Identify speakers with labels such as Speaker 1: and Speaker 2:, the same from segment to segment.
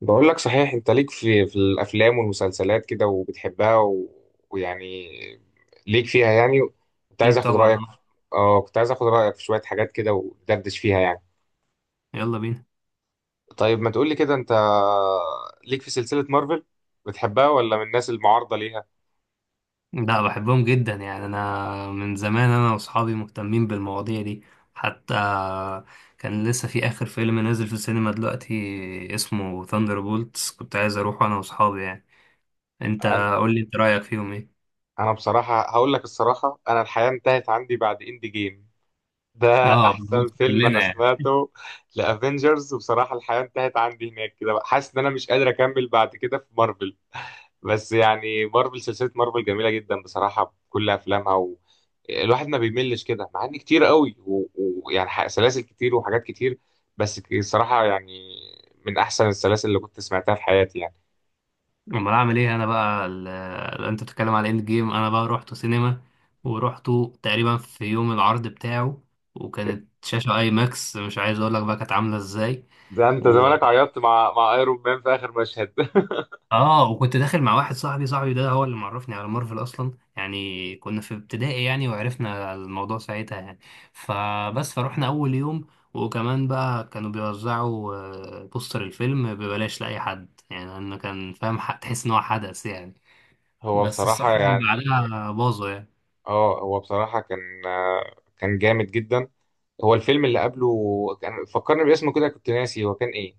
Speaker 1: بقول لك، صحيح انت ليك في الافلام والمسلسلات كده وبتحبها، ويعني ليك فيها يعني، كنت عايز
Speaker 2: اكيد
Speaker 1: اخد
Speaker 2: طبعا.
Speaker 1: رايك. اه كنت عايز اخد رايك في شويه حاجات كده وندردش فيها يعني.
Speaker 2: يلا بينا.
Speaker 1: طيب ما تقول لي كده انت، ليك في سلسله مارفل، بتحبها ولا من الناس المعارضه ليها؟
Speaker 2: لا، بحبهم جدا. يعني انا من زمان، انا واصحابي مهتمين بالمواضيع دي. حتى كان لسه في اخر فيلم نازل في السينما دلوقتي اسمه ثاندر بولتس، كنت عايز اروحه انا واصحابي يعني. انت
Speaker 1: انا
Speaker 2: قول لي، انت رايك فيهم ايه؟
Speaker 1: انا بصراحه هقول لك الصراحه، انا الحياه انتهت عندي بعد اند جيم ده.
Speaker 2: اه،
Speaker 1: احسن
Speaker 2: بالظبط،
Speaker 1: فيلم انا
Speaker 2: كلنا يعني.
Speaker 1: سمعته لافنجرز، وبصراحه الحياه انتهت عندي هناك كده بقى. حاسس ان انا مش قادر اكمل بعد كده في مارفل. بس يعني مارفل، سلسلة مارفل جميلة جدا بصراحة بكل أفلامها، الواحد ما بيملش كده، مع إن كتير قوي ويعني يعني سلاسل كتير وحاجات كتير. بس الصراحة يعني من أحسن السلاسل اللي كنت سمعتها في حياتي يعني.
Speaker 2: امال اعمل ايه انا بقى انت بتتكلم على اند جيم، انا بقى رحت سينما ورحته تقريبا في يوم العرض بتاعه، وكانت شاشة اي ماكس مش عايز اقول لك بقى كانت عاملة ازاي.
Speaker 1: ده أنت زمانك عيطت مع أيرون مان في آخر مشهد.
Speaker 2: اه، وكنت داخل مع واحد صاحبي، ده هو اللي معرفني على مارفل اصلا يعني. كنا في ابتدائي يعني وعرفنا الموضوع ساعتها يعني. فبس فروحنا اول يوم. وكمان بقى كانوا بيوزعوا بوستر الفيلم ببلاش لاي حد، يعني انه كان فاهم. تحس ان هو حدث يعني.
Speaker 1: هو
Speaker 2: بس الصراحه
Speaker 1: بصراحة
Speaker 2: كان
Speaker 1: يعني،
Speaker 2: بعدها باظوا يعني.
Speaker 1: اه هو بصراحة كان جامد جدا. هو الفيلم اللي قبله، كان فكرني باسمه كده، كنت ناسي هو كان إيه؟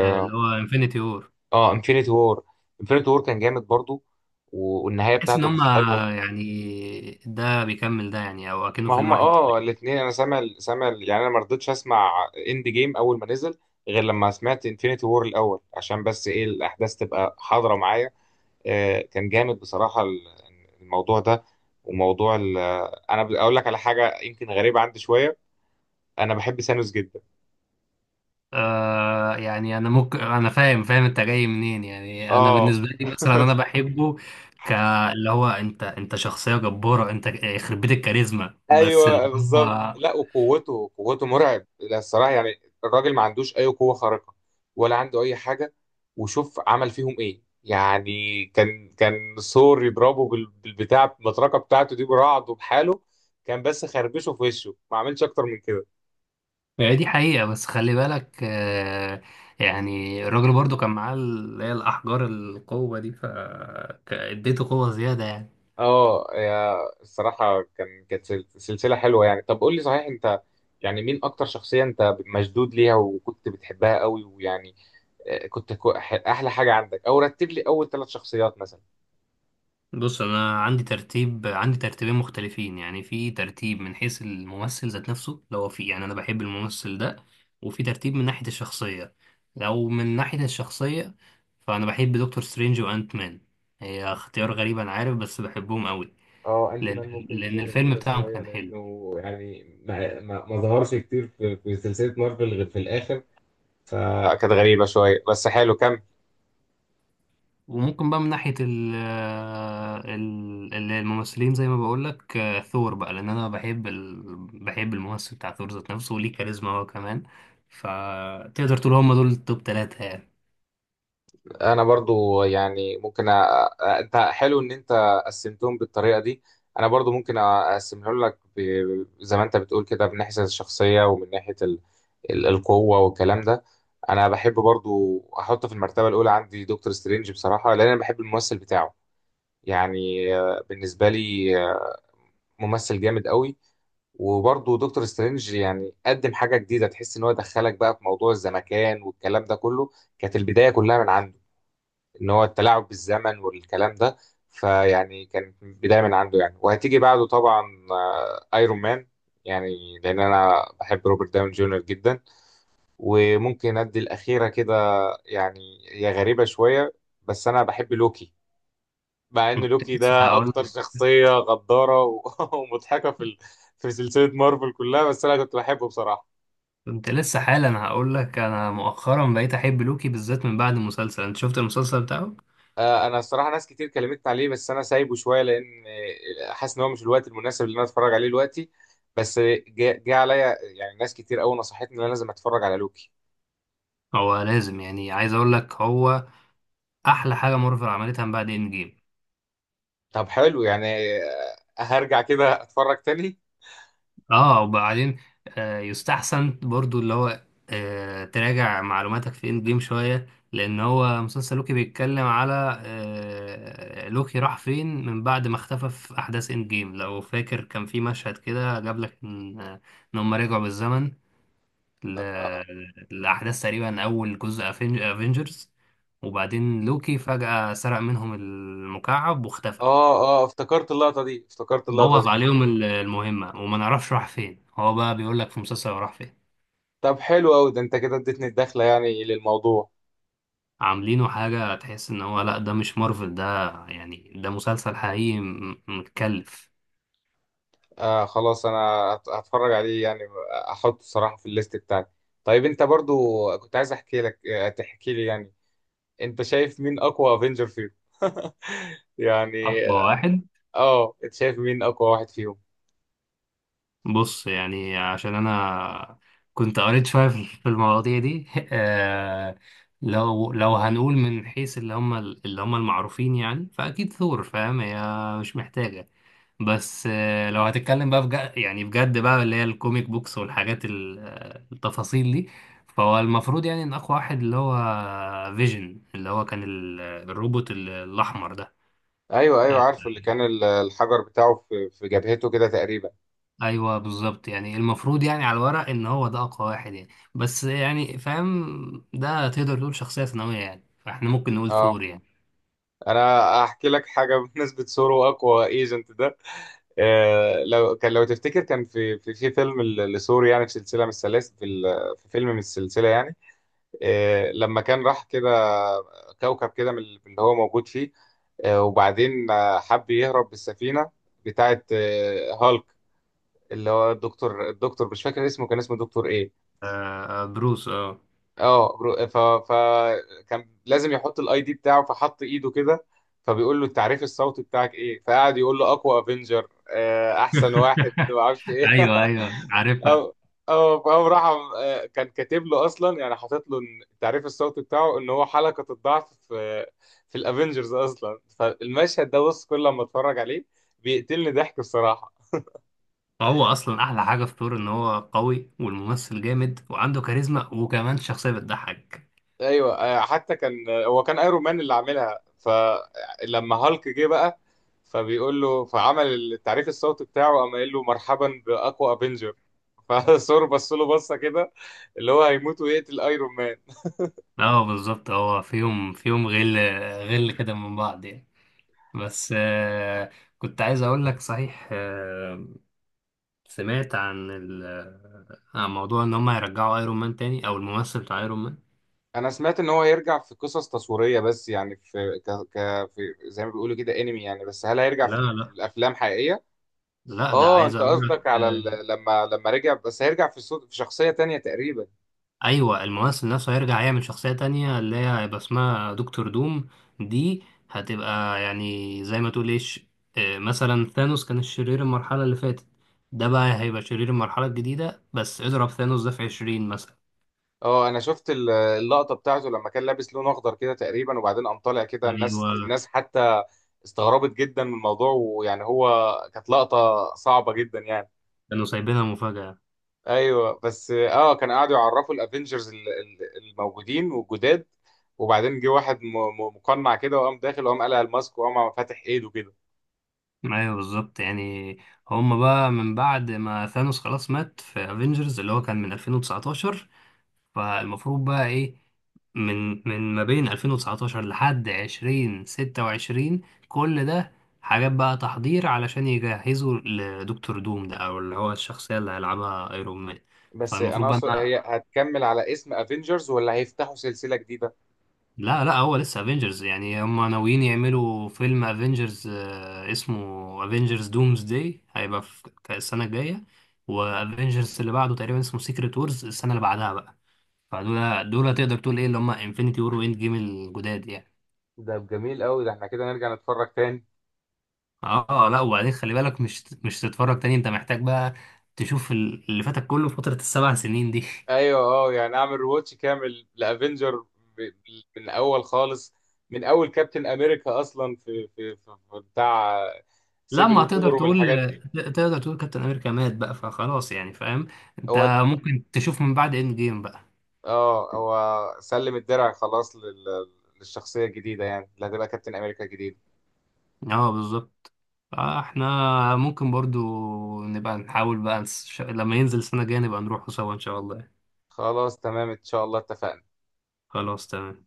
Speaker 2: اللي هو انفينيتي وور.
Speaker 1: اه انفينيتي وور. انفينيتي وور كان جامد برضو، والنهايه
Speaker 2: تحس ان
Speaker 1: بتاعته كانت
Speaker 2: هما
Speaker 1: حلوه.
Speaker 2: يعني ده بيكمل ده، يعني او اكنه
Speaker 1: ما
Speaker 2: فيلم
Speaker 1: هم
Speaker 2: واحد.
Speaker 1: اه الاثنين، انا يعني انا ما رضيتش اسمع اند جيم اول ما نزل، غير لما سمعت انفينيتي وور الاول، عشان بس ايه، الاحداث تبقى حاضره معايا. آه كان جامد بصراحه الموضوع ده، وموضوع ال- انا اقول لك على حاجه يمكن غريبه عندي شويه. انا بحب سانوس جدا.
Speaker 2: يعني انا ممكن، انا فاهم انت جاي منين. يعني انا
Speaker 1: اه
Speaker 2: بالنسبه لي، مثلا انا بحبه. ك اللي هو انت شخصيه جباره. انت، يخرب بيت الكاريزما، بس
Speaker 1: ايوه
Speaker 2: اللي
Speaker 1: بالظبط.
Speaker 2: هو...
Speaker 1: لا، وقوته، قوته مرعب. لا، الصراحه يعني الراجل ما عندوش اي قوه خارقه، ولا عنده اي حاجه. وشوف عمل فيهم ايه يعني، كان ثور يضربه بالبتاع، المطرقه بتاعته دي، برعد وبحاله، كان بس خربشه في وشه، ما عملش اكتر من كده.
Speaker 2: هي دي حقيقه، بس خلي بالك. يعني الراجل برضو كان معاه اللي هي الاحجار القوه دي، فاديته قوه زياده يعني.
Speaker 1: اه يا الصراحه، كانت سلسله حلوه يعني. طب قول لي صحيح انت، يعني مين اكتر شخصيه انت مشدود ليها وكنت بتحبها قوي ويعني، احلى حاجه عندك، او رتب لي اول ثلاث شخصيات مثلا.
Speaker 2: بص، انا عندي ترتيبين مختلفين يعني. في ترتيب من حيث الممثل ذات نفسه، لو هو في، يعني انا بحب الممثل ده. وفي ترتيب من ناحية الشخصية. لو من ناحية الشخصية، فانا بحب دكتور سترينج وانت مان. هي اختيار غريب انا عارف، بس بحبهم قوي.
Speaker 1: اه انت
Speaker 2: لان
Speaker 1: مان ممكن
Speaker 2: لان
Speaker 1: تكون
Speaker 2: الفيلم
Speaker 1: غريبه
Speaker 2: بتاعهم
Speaker 1: شويه،
Speaker 2: كان حلو.
Speaker 1: لانه يعني ما ظهرش كتير في سلسله مارفل غير في الاخر، فكانت غريبه شويه، بس حلو كمل.
Speaker 2: وممكن بقى من ناحية ال آه، ال- ال- الممثلين، زي ما بقولك، ثور بقى. لأن أنا بحب بحب الممثل بتاع ثور ذات نفسه، وليه كاريزما هو كمان. فتقدر تقول هما دول التوب 3 يعني.
Speaker 1: انا برضو يعني ممكن، انت حلو ان انت قسمتهم بالطريقه دي. انا برضو ممكن اقسمهم لك، زي ما انت بتقول كده، من ناحيه الشخصيه ومن ناحيه القوه والكلام ده. انا بحب برضو احط في المرتبه الاولى عندي دكتور سترينج بصراحه، لان انا بحب الممثل بتاعه، يعني بالنسبه لي، ممثل جامد قوي. وبرضو دكتور سترينج يعني قدم حاجه جديده، تحس ان هو دخلك بقى في موضوع الزمكان والكلام ده كله. كانت البدايه كلها من عنده، ان هو التلاعب بالزمن والكلام ده. فيعني كانت بدايه من عنده يعني، وهتيجي بعده طبعا ايرون مان، يعني لان انا بحب روبرت داون جونيور جدا. وممكن ادي الاخيره كده، يعني هي غريبه شويه، بس انا بحب لوكي. مع ان
Speaker 2: كنت
Speaker 1: لوكي
Speaker 2: لسه
Speaker 1: ده اكتر
Speaker 2: هقول،
Speaker 1: شخصيه غداره ومضحكه في سلسله مارفل كلها، بس انا كنت بحبه بصراحه.
Speaker 2: كنت لسه حالا هقولك، أنا مؤخرا بقيت أحب لوكي بالذات من بعد المسلسل. أنت شفت المسلسل بتاعه؟
Speaker 1: انا الصراحه ناس كتير كلمتني عليه، بس انا سايبه شويه، لان حاسس ان هو مش الوقت المناسب اللي انا اتفرج عليه دلوقتي. بس جه عليا، يعني ناس كتير قوي نصحتني ان انا لازم اتفرج على لوكي.
Speaker 2: هو لازم، يعني عايز أقولك هو أحلى حاجة مارفل عملتها من بعد إند جيم.
Speaker 1: طب حلو يعني. هرجع كده اتفرج تاني.
Speaker 2: اه، وبعدين يستحسن برضو اللي هو تراجع معلوماتك في اند جيم شوية. لأن هو مسلسل لوكي بيتكلم على لوكي راح فين من بعد ما اختفى في أحداث اند جيم. لو فاكر، كان في مشهد كده جاب لك إن، إن هم رجعوا بالزمن ل-
Speaker 1: اه،
Speaker 2: لأحداث تقريبا أول جزء افنجرز، وبعدين لوكي فجأة سرق منهم المكعب واختفى.
Speaker 1: اه، افتكرت اللقطه دي، افتكرت اللقطه دي.
Speaker 2: بوظ عليهم المهمة، وما نعرفش راح فين. هو بقى بيقول لك في مسلسل هو راح فين.
Speaker 1: طب حلو قوي، ده انت كده اديتني الدخله يعني للموضوع.
Speaker 2: عاملينه حاجة تحس ان هو لا، ده مش مارفل ده، يعني ده مسلسل حقيقي متكلف.
Speaker 1: آه خلاص، انا هتفرج عليه يعني. احطه الصراحه في الليست بتاعتي. طيب انت برضو كنت عايز احكي لك آه، تحكي لي يعني، انت شايف مين اقوى افنجر فيهم يعني؟
Speaker 2: اقوى واحد؟
Speaker 1: اه انت شايف مين اقوى واحد فيهم؟
Speaker 2: بص يعني، عشان انا كنت قريت شوية في المواضيع دي آه، لو هنقول من حيث اللي هم المعروفين يعني، فاكيد ثور، فاهم، هي مش محتاجة. بس، لو هتتكلم بقى بجد، يعني بجد بقى، اللي هي الكوميك بوكس والحاجات التفاصيل دي. فهو المفروض يعني ان اقوى واحد اللي هو فيجن، اللي هو كان الروبوت الاحمر ده.
Speaker 1: ايوه ايوه
Speaker 2: آه،
Speaker 1: عارفه، اللي كان الحجر بتاعه في جبهته كده تقريبا.
Speaker 2: ايوه بالظبط. يعني المفروض يعني على الورق ان هو ده اقوى واحد يعني. بس يعني فاهم، ده تقدر تقول شخصية ثانوية يعني، فاحنا ممكن نقول
Speaker 1: اه،
Speaker 2: ثور يعني.
Speaker 1: انا احكي لك حاجه. بالنسبه سورو اقوى ايجنت ده، آه لو تفتكر، كان في فيلم لسورو يعني، في سلسله من السلاسل، في فيلم من السلسله يعني، آه لما كان راح كده كوكب كده من اللي هو موجود فيه، وبعدين حب يهرب بالسفينه بتاعت هالك، اللي هو الدكتور مش فاكر اسمه، كان اسمه دكتور ايه؟
Speaker 2: بروس، اه.
Speaker 1: اه برو- ف فكان لازم يحط الاي دي بتاعه، فحط ايده كده، فبيقول له، التعريف الصوتي بتاعك ايه؟ فقعد يقول له اقوى افنجر، احسن واحد، ما اعرفش ايه.
Speaker 2: ايوه، ايوه، عارفها.
Speaker 1: أو أو فقام راح، كان كاتب له أصلا يعني، حاطط له إن التعريف الصوتي بتاعه إن هو حلقة الضعف في الأفينجرز أصلا. فالمشهد ده، بص كل لما أتفرج عليه بيقتلني ضحك بصراحة.
Speaker 2: هو اصلا احلى حاجه في ثور ان هو قوي والممثل جامد وعنده كاريزما، وكمان شخصيه بتضحك.
Speaker 1: ايوه حتى كان، هو كان ايرون مان اللي عاملها، فلما هالك جه بقى، فبيقول له فعمل التعريف الصوتي بتاعه، قام قايل له، مرحبا باقوى افنجر، فثور بص له بصه كده، اللي هو هيموت ويقتل ايرون مان.
Speaker 2: اه بالظبط. هو فيهم غل، غل كده من بعض يعني. بس، كنت عايز اقول لك صحيح، سمعت عن عن موضوع ان هم هيرجعوا ايرون مان تاني، او الممثل بتاع ايرون مان.
Speaker 1: انا سمعت ان هو يرجع في قصص تصويريه، بس يعني في زي ما بيقولوا كده انمي يعني، بس هل هيرجع
Speaker 2: لا،
Speaker 1: في
Speaker 2: لا،
Speaker 1: الافلام حقيقيه؟
Speaker 2: لا، ده
Speaker 1: اه
Speaker 2: عايز
Speaker 1: انت
Speaker 2: اقول
Speaker 1: قصدك
Speaker 2: لك.
Speaker 1: على، ال... لما لما رجع، بس هيرجع في صوت في شخصيه تانية تقريبا.
Speaker 2: ايوه، الممثل نفسه هيرجع يعمل شخصية تانية اللي هي هيبقى اسمها دكتور دوم. دي هتبقى يعني زي ما تقول ايش، مثلا ثانوس كان الشرير المرحلة اللي فاتت، ده بقى هيبقى شرير المرحلة الجديدة، بس اضرب ثانوس ده في 20 مثلا.
Speaker 1: اه انا شفت اللقطه بتاعته لما كان لابس لون اخضر كده تقريبا، وبعدين قام طالع كده، الناس،
Speaker 2: ايوه،
Speaker 1: الناس حتى استغربت جدا من الموضوع، ويعني هو كانت لقطه صعبه جدا يعني.
Speaker 2: كانوا سايبينها مفاجأة.
Speaker 1: ايوه بس اه كان قاعدوا يعرفوا الافنجرز الموجودين والجداد، وبعدين جه واحد مقنع كده، وقام داخل، وقام قلع الماسك، وقام فاتح ايده كده.
Speaker 2: ايوه بالظبط يعني. هما بقى من بعد ما ثانوس خلاص مات في افنجرز اللي هو كان من 2019، فالمفروض بقى ايه، من ما بين 2019 لحد 2026 كل ده حاجات بقى تحضير علشان يجهزوا لدكتور دوم ده، او اللي هو الشخصية اللي هيلعبها ايرون مان.
Speaker 1: بس انا
Speaker 2: فالمفروض بقى
Speaker 1: اقصد، هي هتكمل على اسم افنجرز ولا هيفتحوا سلسله جديده؟
Speaker 2: لا لا، هو لسه افنجرز. يعني هم ناويين يعملوا فيلم افنجرز اسمه افنجرز دومز داي، هيبقى في السنة الجاية. وافنجرز اللي بعده تقريبا اسمه سيكريت وورز، السنة اللي بعدها بقى. فدول تقدر تقول ايه اللي هم انفينيتي وور واند جيم الجداد يعني.
Speaker 1: ده جميل قوي، ده احنا كده نرجع نتفرج تاني.
Speaker 2: اه، لا، وبعدين خلي بالك، مش تتفرج تاني، انت محتاج بقى تشوف اللي فاتك كله في فترة الـ7 سنين دي.
Speaker 1: ايوه اه يعني اعمل ريواتش كامل لافنجر، من اول خالص، من اول كابتن امريكا اصلا في بتاع سيفل
Speaker 2: لما هتقدر
Speaker 1: وور
Speaker 2: تقول،
Speaker 1: والحاجات دي.
Speaker 2: تقدر تقول كابتن امريكا مات بقى فخلاص يعني فاهم انت.
Speaker 1: هو
Speaker 2: ممكن تشوف من بعد اند جيم بقى.
Speaker 1: اه هو سلم الدرع خلاص للشخصيه الجديده، يعني اللي هتبقى كابتن امريكا الجديد.
Speaker 2: اه بالظبط. فاحنا ممكن برضو نبقى نحاول بقى لما ينزل السنة الجاية نبقى نروحوا سوا ان شاء الله يعني.
Speaker 1: خلاص تمام، ان شاء الله اتفقنا.
Speaker 2: خلاص تمام.